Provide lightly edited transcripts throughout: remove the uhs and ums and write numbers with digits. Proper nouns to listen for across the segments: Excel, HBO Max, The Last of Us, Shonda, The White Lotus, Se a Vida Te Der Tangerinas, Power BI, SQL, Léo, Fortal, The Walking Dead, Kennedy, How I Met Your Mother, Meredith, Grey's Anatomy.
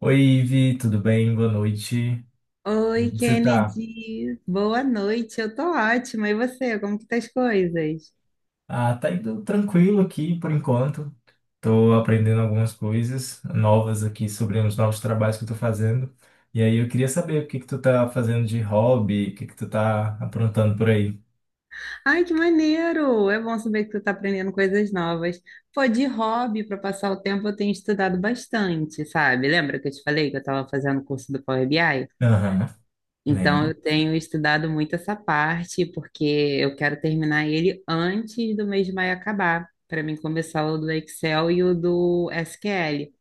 Oi, Ivi, tudo bem? Boa noite. Oi, Como você tá? Kennedy. Boa noite. Eu tô ótima. E você? Como que tá as coisas? Ah, tá indo tranquilo aqui por enquanto. Tô aprendendo algumas coisas novas aqui sobre os novos trabalhos que eu tô fazendo. E aí eu queria saber o que que tu tá fazendo de hobby, o que que tu tá aprontando por aí. Ai, que maneiro! É bom saber que tu tá aprendendo coisas novas. Pô, de hobby, para passar o tempo, eu tenho estudado bastante, sabe? Lembra que eu te falei que eu tava fazendo o curso do Power BI? Aham, Então, lembro. eu tenho estudado muito essa parte, porque eu quero terminar ele antes do mês de maio acabar, para mim começar o do Excel e o do SQL.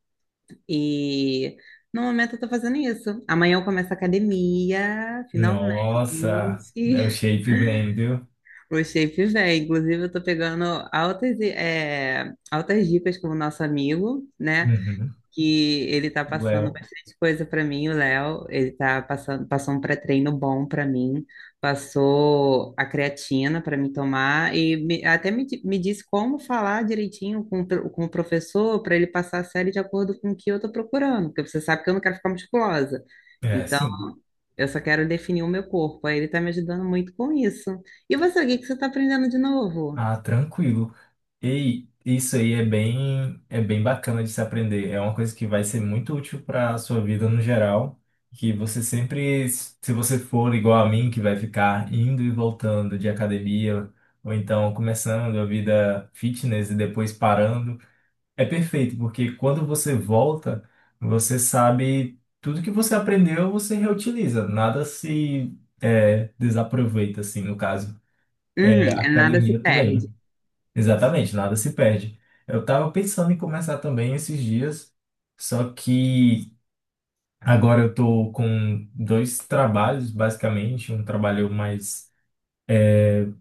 E no momento eu tô fazendo isso. Amanhã eu começo a academia, Nossa, é o finalmente. shape vem, viu? O shape vem. Inclusive, eu tô pegando altas, eh, altas dicas com o nosso amigo, né? Uhum. Que ele tá passando Léo. bastante coisa pra mim, o Léo. Ele tá passando, passou um pré-treino bom pra mim, passou a creatina pra me tomar e me disse como falar direitinho com, com o professor pra ele passar a série de acordo com o que eu tô procurando, porque você sabe que eu não quero ficar musculosa. É, Então, sim. eu só quero definir o meu corpo. Aí ele tá me ajudando muito com isso. E você, o que que você tá aprendendo de novo? Ah, tranquilo. E isso aí é bem bacana de se aprender. É uma coisa que vai ser muito útil para a sua vida no geral. Que você sempre, se você for igual a mim, que vai ficar indo e voltando de academia, ou então começando a vida fitness e depois parando, é perfeito, porque quando você volta, você sabe tudo que você aprendeu, você reutiliza. Nada se, é, desaproveita, assim, no caso. É, Uhum, a nada se academia perde. também. Exatamente, nada se perde. Eu tava pensando em começar também esses dias, só que agora eu tô com dois trabalhos, basicamente, um trabalho mais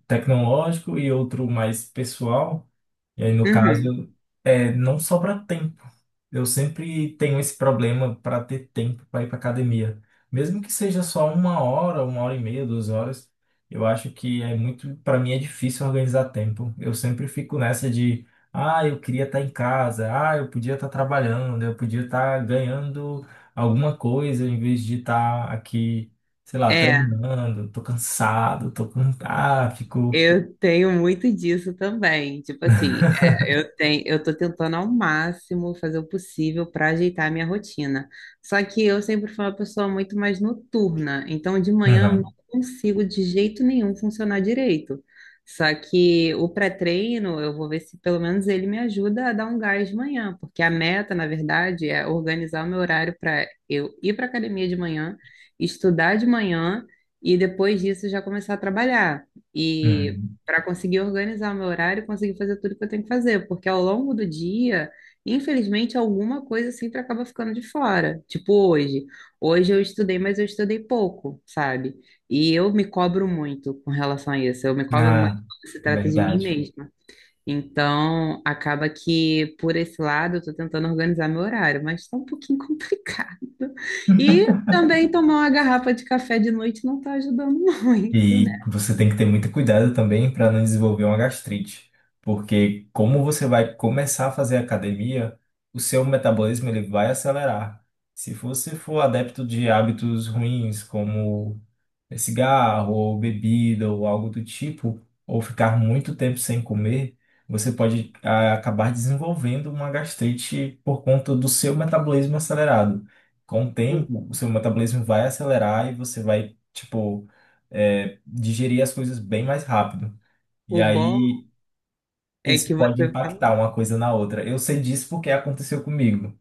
tecnológico e outro mais pessoal. E aí, no Uhum, caso, é, não sobra tempo. Eu sempre tenho esse problema para ter tempo para ir para academia. Mesmo que seja só uma hora e meia, duas horas, eu acho que é muito, para mim é difícil organizar tempo. Eu sempre fico nessa de, ah, eu queria estar em casa, ah, eu podia estar trabalhando, eu podia estar ganhando alguma coisa em vez de estar aqui, sei lá, é. treinando, tô cansado, tô com, ah, fico, Eu tenho muito disso também. Tipo assim, eu tenho, eu tô tentando ao máximo fazer o possível para ajeitar a minha rotina. Só que eu sempre fui uma pessoa muito mais noturna, então de manhã eu não aham. consigo de jeito nenhum funcionar direito. Só que o pré-treino, eu vou ver se pelo menos ele me ajuda a dar um gás de manhã, porque a meta, na verdade, é organizar o meu horário para eu ir para academia de manhã, estudar de manhã e depois disso já começar a trabalhar. E Uhum." para conseguir organizar meu horário, e conseguir fazer tudo que eu tenho que fazer, porque ao longo do dia, infelizmente, alguma coisa sempre acaba ficando de fora. Tipo hoje. Hoje eu estudei, mas eu estudei pouco, sabe? E eu me cobro muito com relação a isso. Eu me cobro muito Ah, quando se trata de mim verdade. mesma. Então, acaba que por esse lado eu tô tentando organizar meu horário, mas tá um pouquinho complicado. E também tomar uma garrafa de café de noite não tá ajudando muito, né? E você tem que ter muito cuidado também para não desenvolver uma gastrite, porque como você vai começar a fazer academia, o seu metabolismo ele vai acelerar. Se você for adepto de hábitos ruins, como cigarro ou bebida ou algo do tipo, ou ficar muito tempo sem comer, você pode acabar desenvolvendo uma gastrite por conta do seu metabolismo acelerado. Com o O, tempo, o seu metabolismo vai acelerar e você vai, tipo, digerir as coisas bem mais rápido. E o bom aí, é isso que pode você fala. impactar uma coisa na outra. Eu sei disso porque aconteceu comigo.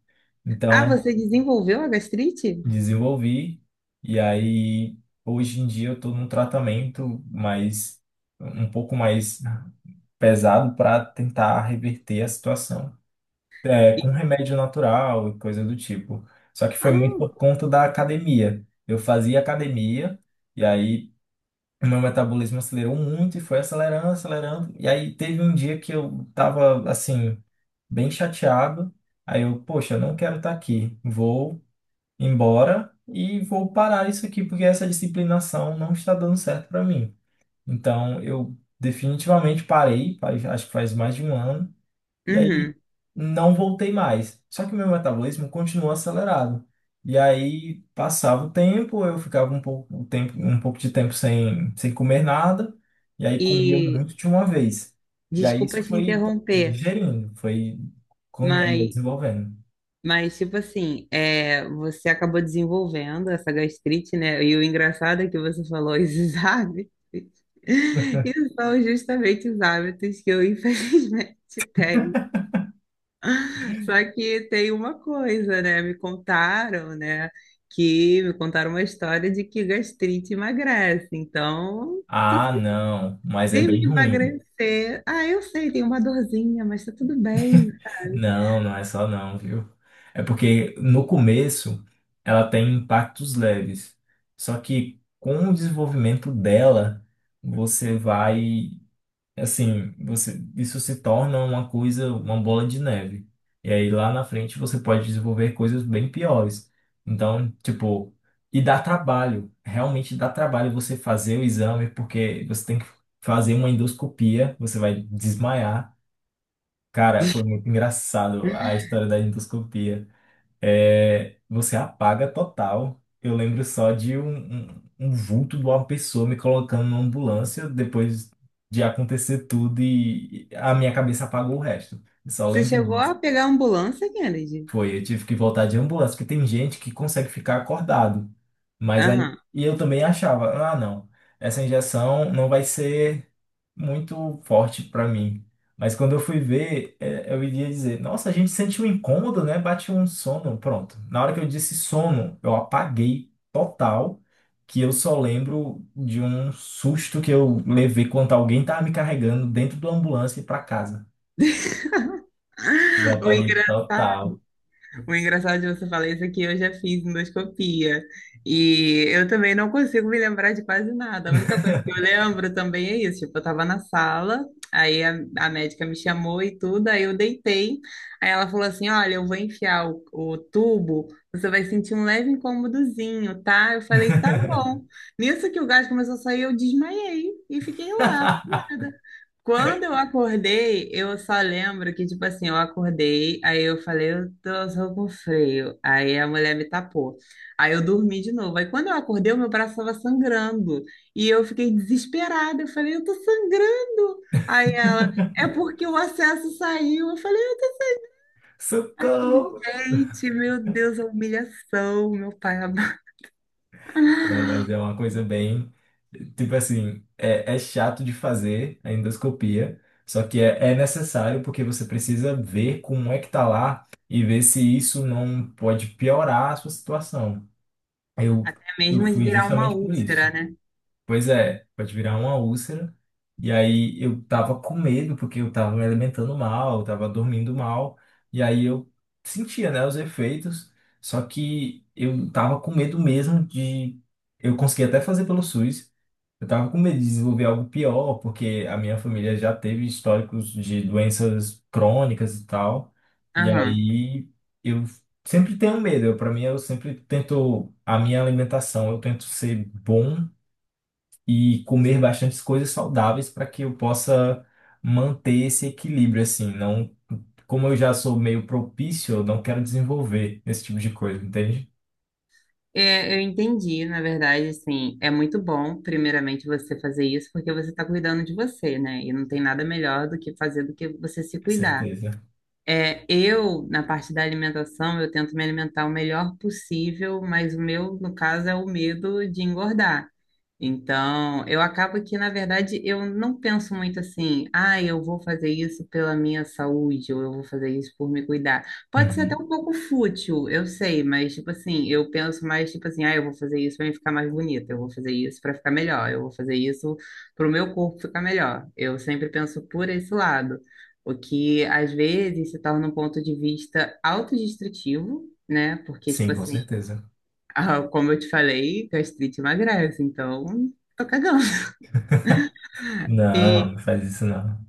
Ah, Então, você desenvolveu a gastrite? desenvolvi. E aí, hoje em dia, eu estou num tratamento mais, um pouco mais pesado para tentar reverter a situação. É, E- com remédio natural e coisa do tipo. Só que foi muito por Ah, conta da academia. Eu fazia academia, e aí o meu metabolismo acelerou muito e foi acelerando, acelerando. E aí teve um dia que eu tava, assim, bem chateado. Aí eu, poxa, eu não quero estar aqui. Vou embora e vou parar isso aqui porque essa disciplinação não está dando certo para mim. Então eu definitivamente parei, acho que faz mais de um ano, e aí uhum. não voltei mais. Só que o meu metabolismo continuou acelerado. E aí passava o tempo, eu ficava um pouco, um tempo, um pouco de tempo sem, sem comer nada, e aí comia E muito de uma vez. E aí desculpa isso te foi interromper, digerindo, foi mas, desenvolvendo. mas tipo assim, você acabou desenvolvendo essa gastrite, né? E o engraçado é que você falou esses hábitos. E são justamente os hábitos que eu, infelizmente, tenho. Só que tem uma coisa, né? Me contaram, né? Que me contaram uma história de que gastrite emagrece. Então, Ah, não, mas é teve bem que ruim. emagrecer. Ah, eu sei, tem uma dorzinha, mas tá tudo bem. Não, não é só não, viu? É porque no começo ela tem impactos leves. Só que com o desenvolvimento dela, você vai, assim, você isso se torna uma coisa, uma bola de neve. E aí lá na frente você pode desenvolver coisas bem piores. Então, tipo, e dá trabalho, realmente dá trabalho você fazer o exame, porque você tem que fazer uma endoscopia, você vai desmaiar. Cara, foi muito engraçado a história da endoscopia. É, você apaga total. Eu lembro só de um vulto de uma pessoa me colocando na ambulância depois de acontecer tudo e a minha cabeça apagou o resto. Eu só Você lembro chegou disso. a pegar a ambulância, Kennedy? Foi, eu tive que voltar de ambulância, porque tem gente que consegue ficar acordado. Mas aí, Aham. e eu também achava, ah, não, essa injeção não vai ser muito forte para mim. Mas quando eu fui ver, é, eu iria dizer, nossa, a gente sente um incômodo, né? Bate um sono, pronto. Na hora que eu disse sono, eu apaguei total, que eu só lembro de um susto que eu levei quando alguém tava me carregando dentro da ambulância para casa. Eu O apaguei engraçado. total. O engraçado de você falar isso é que eu já fiz endoscopia e eu também não consigo me lembrar de quase nada. A única coisa que eu lembro também é isso. Tipo, eu tava na sala, aí a médica me chamou e tudo, aí eu deitei. Aí ela falou assim: Olha, eu vou enfiar o tubo, você vai sentir um leve incômodozinho, tá? Eu falei: Tá bom. Nisso que o gás começou a sair, eu desmaiei e fiquei lá, apanhada. Quando eu acordei, eu só lembro que, tipo assim, eu acordei, aí eu falei, eu tô só com freio. Aí a mulher me tapou. Aí eu dormi de novo. Aí quando eu acordei, o meu braço estava sangrando. E eu fiquei desesperada. Eu falei, eu tô sangrando. Aí ela, é porque o acesso saiu. Eu falei, Socorro! gente, meu Deus, a humilhação, meu pai amado. Não, mas é uma coisa bem. Tipo assim, é, é chato de fazer a endoscopia, só que é, é necessário porque você precisa ver como é que tá lá e ver se isso não pode piorar a sua situação. Eu, Até eu mesmo de fui virar uma justamente por úlcera, isso. né? Pois é, pode virar uma úlcera. E aí eu tava com medo, porque eu tava me alimentando mal, eu tava dormindo mal. E aí eu sentia, né, os efeitos. Só que eu tava com medo mesmo de. Eu consegui até fazer pelo SUS. Eu tava com medo de desenvolver algo pior, porque a minha família já teve históricos de doenças crônicas e tal. E Aham. aí eu sempre tenho medo. Eu, para mim, eu sempre tento. A minha alimentação, eu tento ser bom e comer bastante coisas saudáveis para que eu possa manter esse equilíbrio, assim. Não, como eu já sou meio propício, eu não quero desenvolver esse tipo de coisa, entende? É, eu entendi, na verdade, assim, é muito bom, primeiramente, você fazer isso, porque você está cuidando de você, né? E não tem nada melhor do que fazer do que você se Com cuidar. certeza. É, eu, na parte da alimentação, eu tento me alimentar o melhor possível, mas o meu, no caso, é o medo de engordar. Então, eu acabo que, na verdade, eu não penso muito assim, ah, eu vou fazer isso pela minha saúde, ou eu vou fazer isso por me cuidar. Pode ser até Uhum. um pouco fútil, eu sei, mas, tipo assim, eu penso mais, tipo assim, ah, eu vou fazer isso para me ficar mais bonita, eu vou fazer isso para ficar melhor, eu vou fazer isso para o meu corpo ficar melhor. Eu sempre penso por esse lado, o que, às vezes, se torna um ponto de vista autodestrutivo, né? Porque, tipo Sim, com assim, certeza. ah, como eu te falei, gastrite emagrece, então tô cagando. Não, não E faz isso não.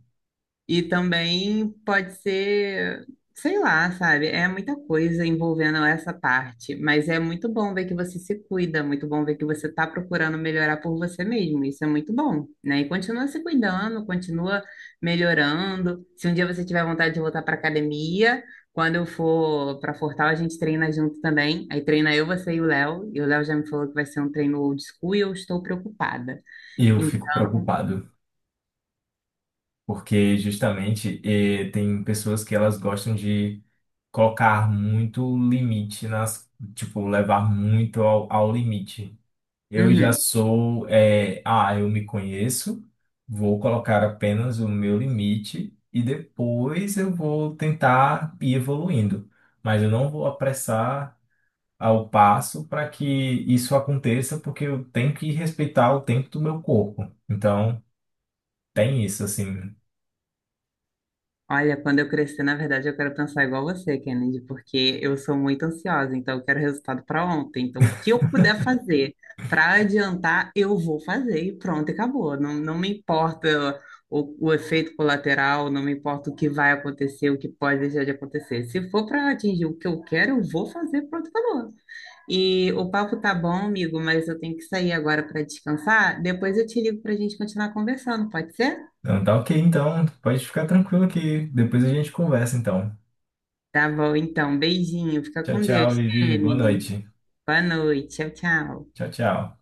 E também pode ser, sei lá, sabe? É muita coisa envolvendo essa parte, mas é muito bom ver que você se cuida, muito bom ver que você está procurando melhorar por você mesmo. Isso é muito bom, né? E continua se cuidando, continua melhorando. Se um dia você tiver vontade de voltar para academia, quando eu for para Fortal, a gente treina junto também. Aí treina eu, você e o Léo. E o Léo já me falou que vai ser um treino old school e eu estou preocupada. Eu fico Então, preocupado, porque justamente tem pessoas que elas gostam de colocar muito limite nas, tipo, levar muito ao limite. Eu já uhum. sou, é, ah, eu me conheço, vou colocar apenas o meu limite e depois eu vou tentar ir evoluindo. Mas eu não vou apressar ao passo para que isso aconteça, porque eu tenho que respeitar o tempo do meu corpo. Então, tem isso, assim. Olha, quando eu crescer, na verdade, eu quero pensar igual você, Kennedy, porque eu sou muito ansiosa, então eu quero resultado para ontem. Então, o que eu puder fazer para adiantar, eu vou fazer e pronto, e acabou. Não, não me importa o efeito colateral, não me importa o que vai acontecer, o que pode deixar de acontecer. Se for para atingir o que eu quero, eu vou fazer, pronto, acabou. E o papo tá bom, amigo, mas eu tenho que sair agora para descansar. Depois eu te ligo para a gente continuar conversando, pode ser? Não, tá ok, então, pode ficar tranquilo que depois a gente conversa, então. Tá bom, então. Beijinho. Fica Tchau, com tchau, Deus, Vivi. Boa Kennedy. noite. Boa noite. Tchau, tchau. Tchau, tchau.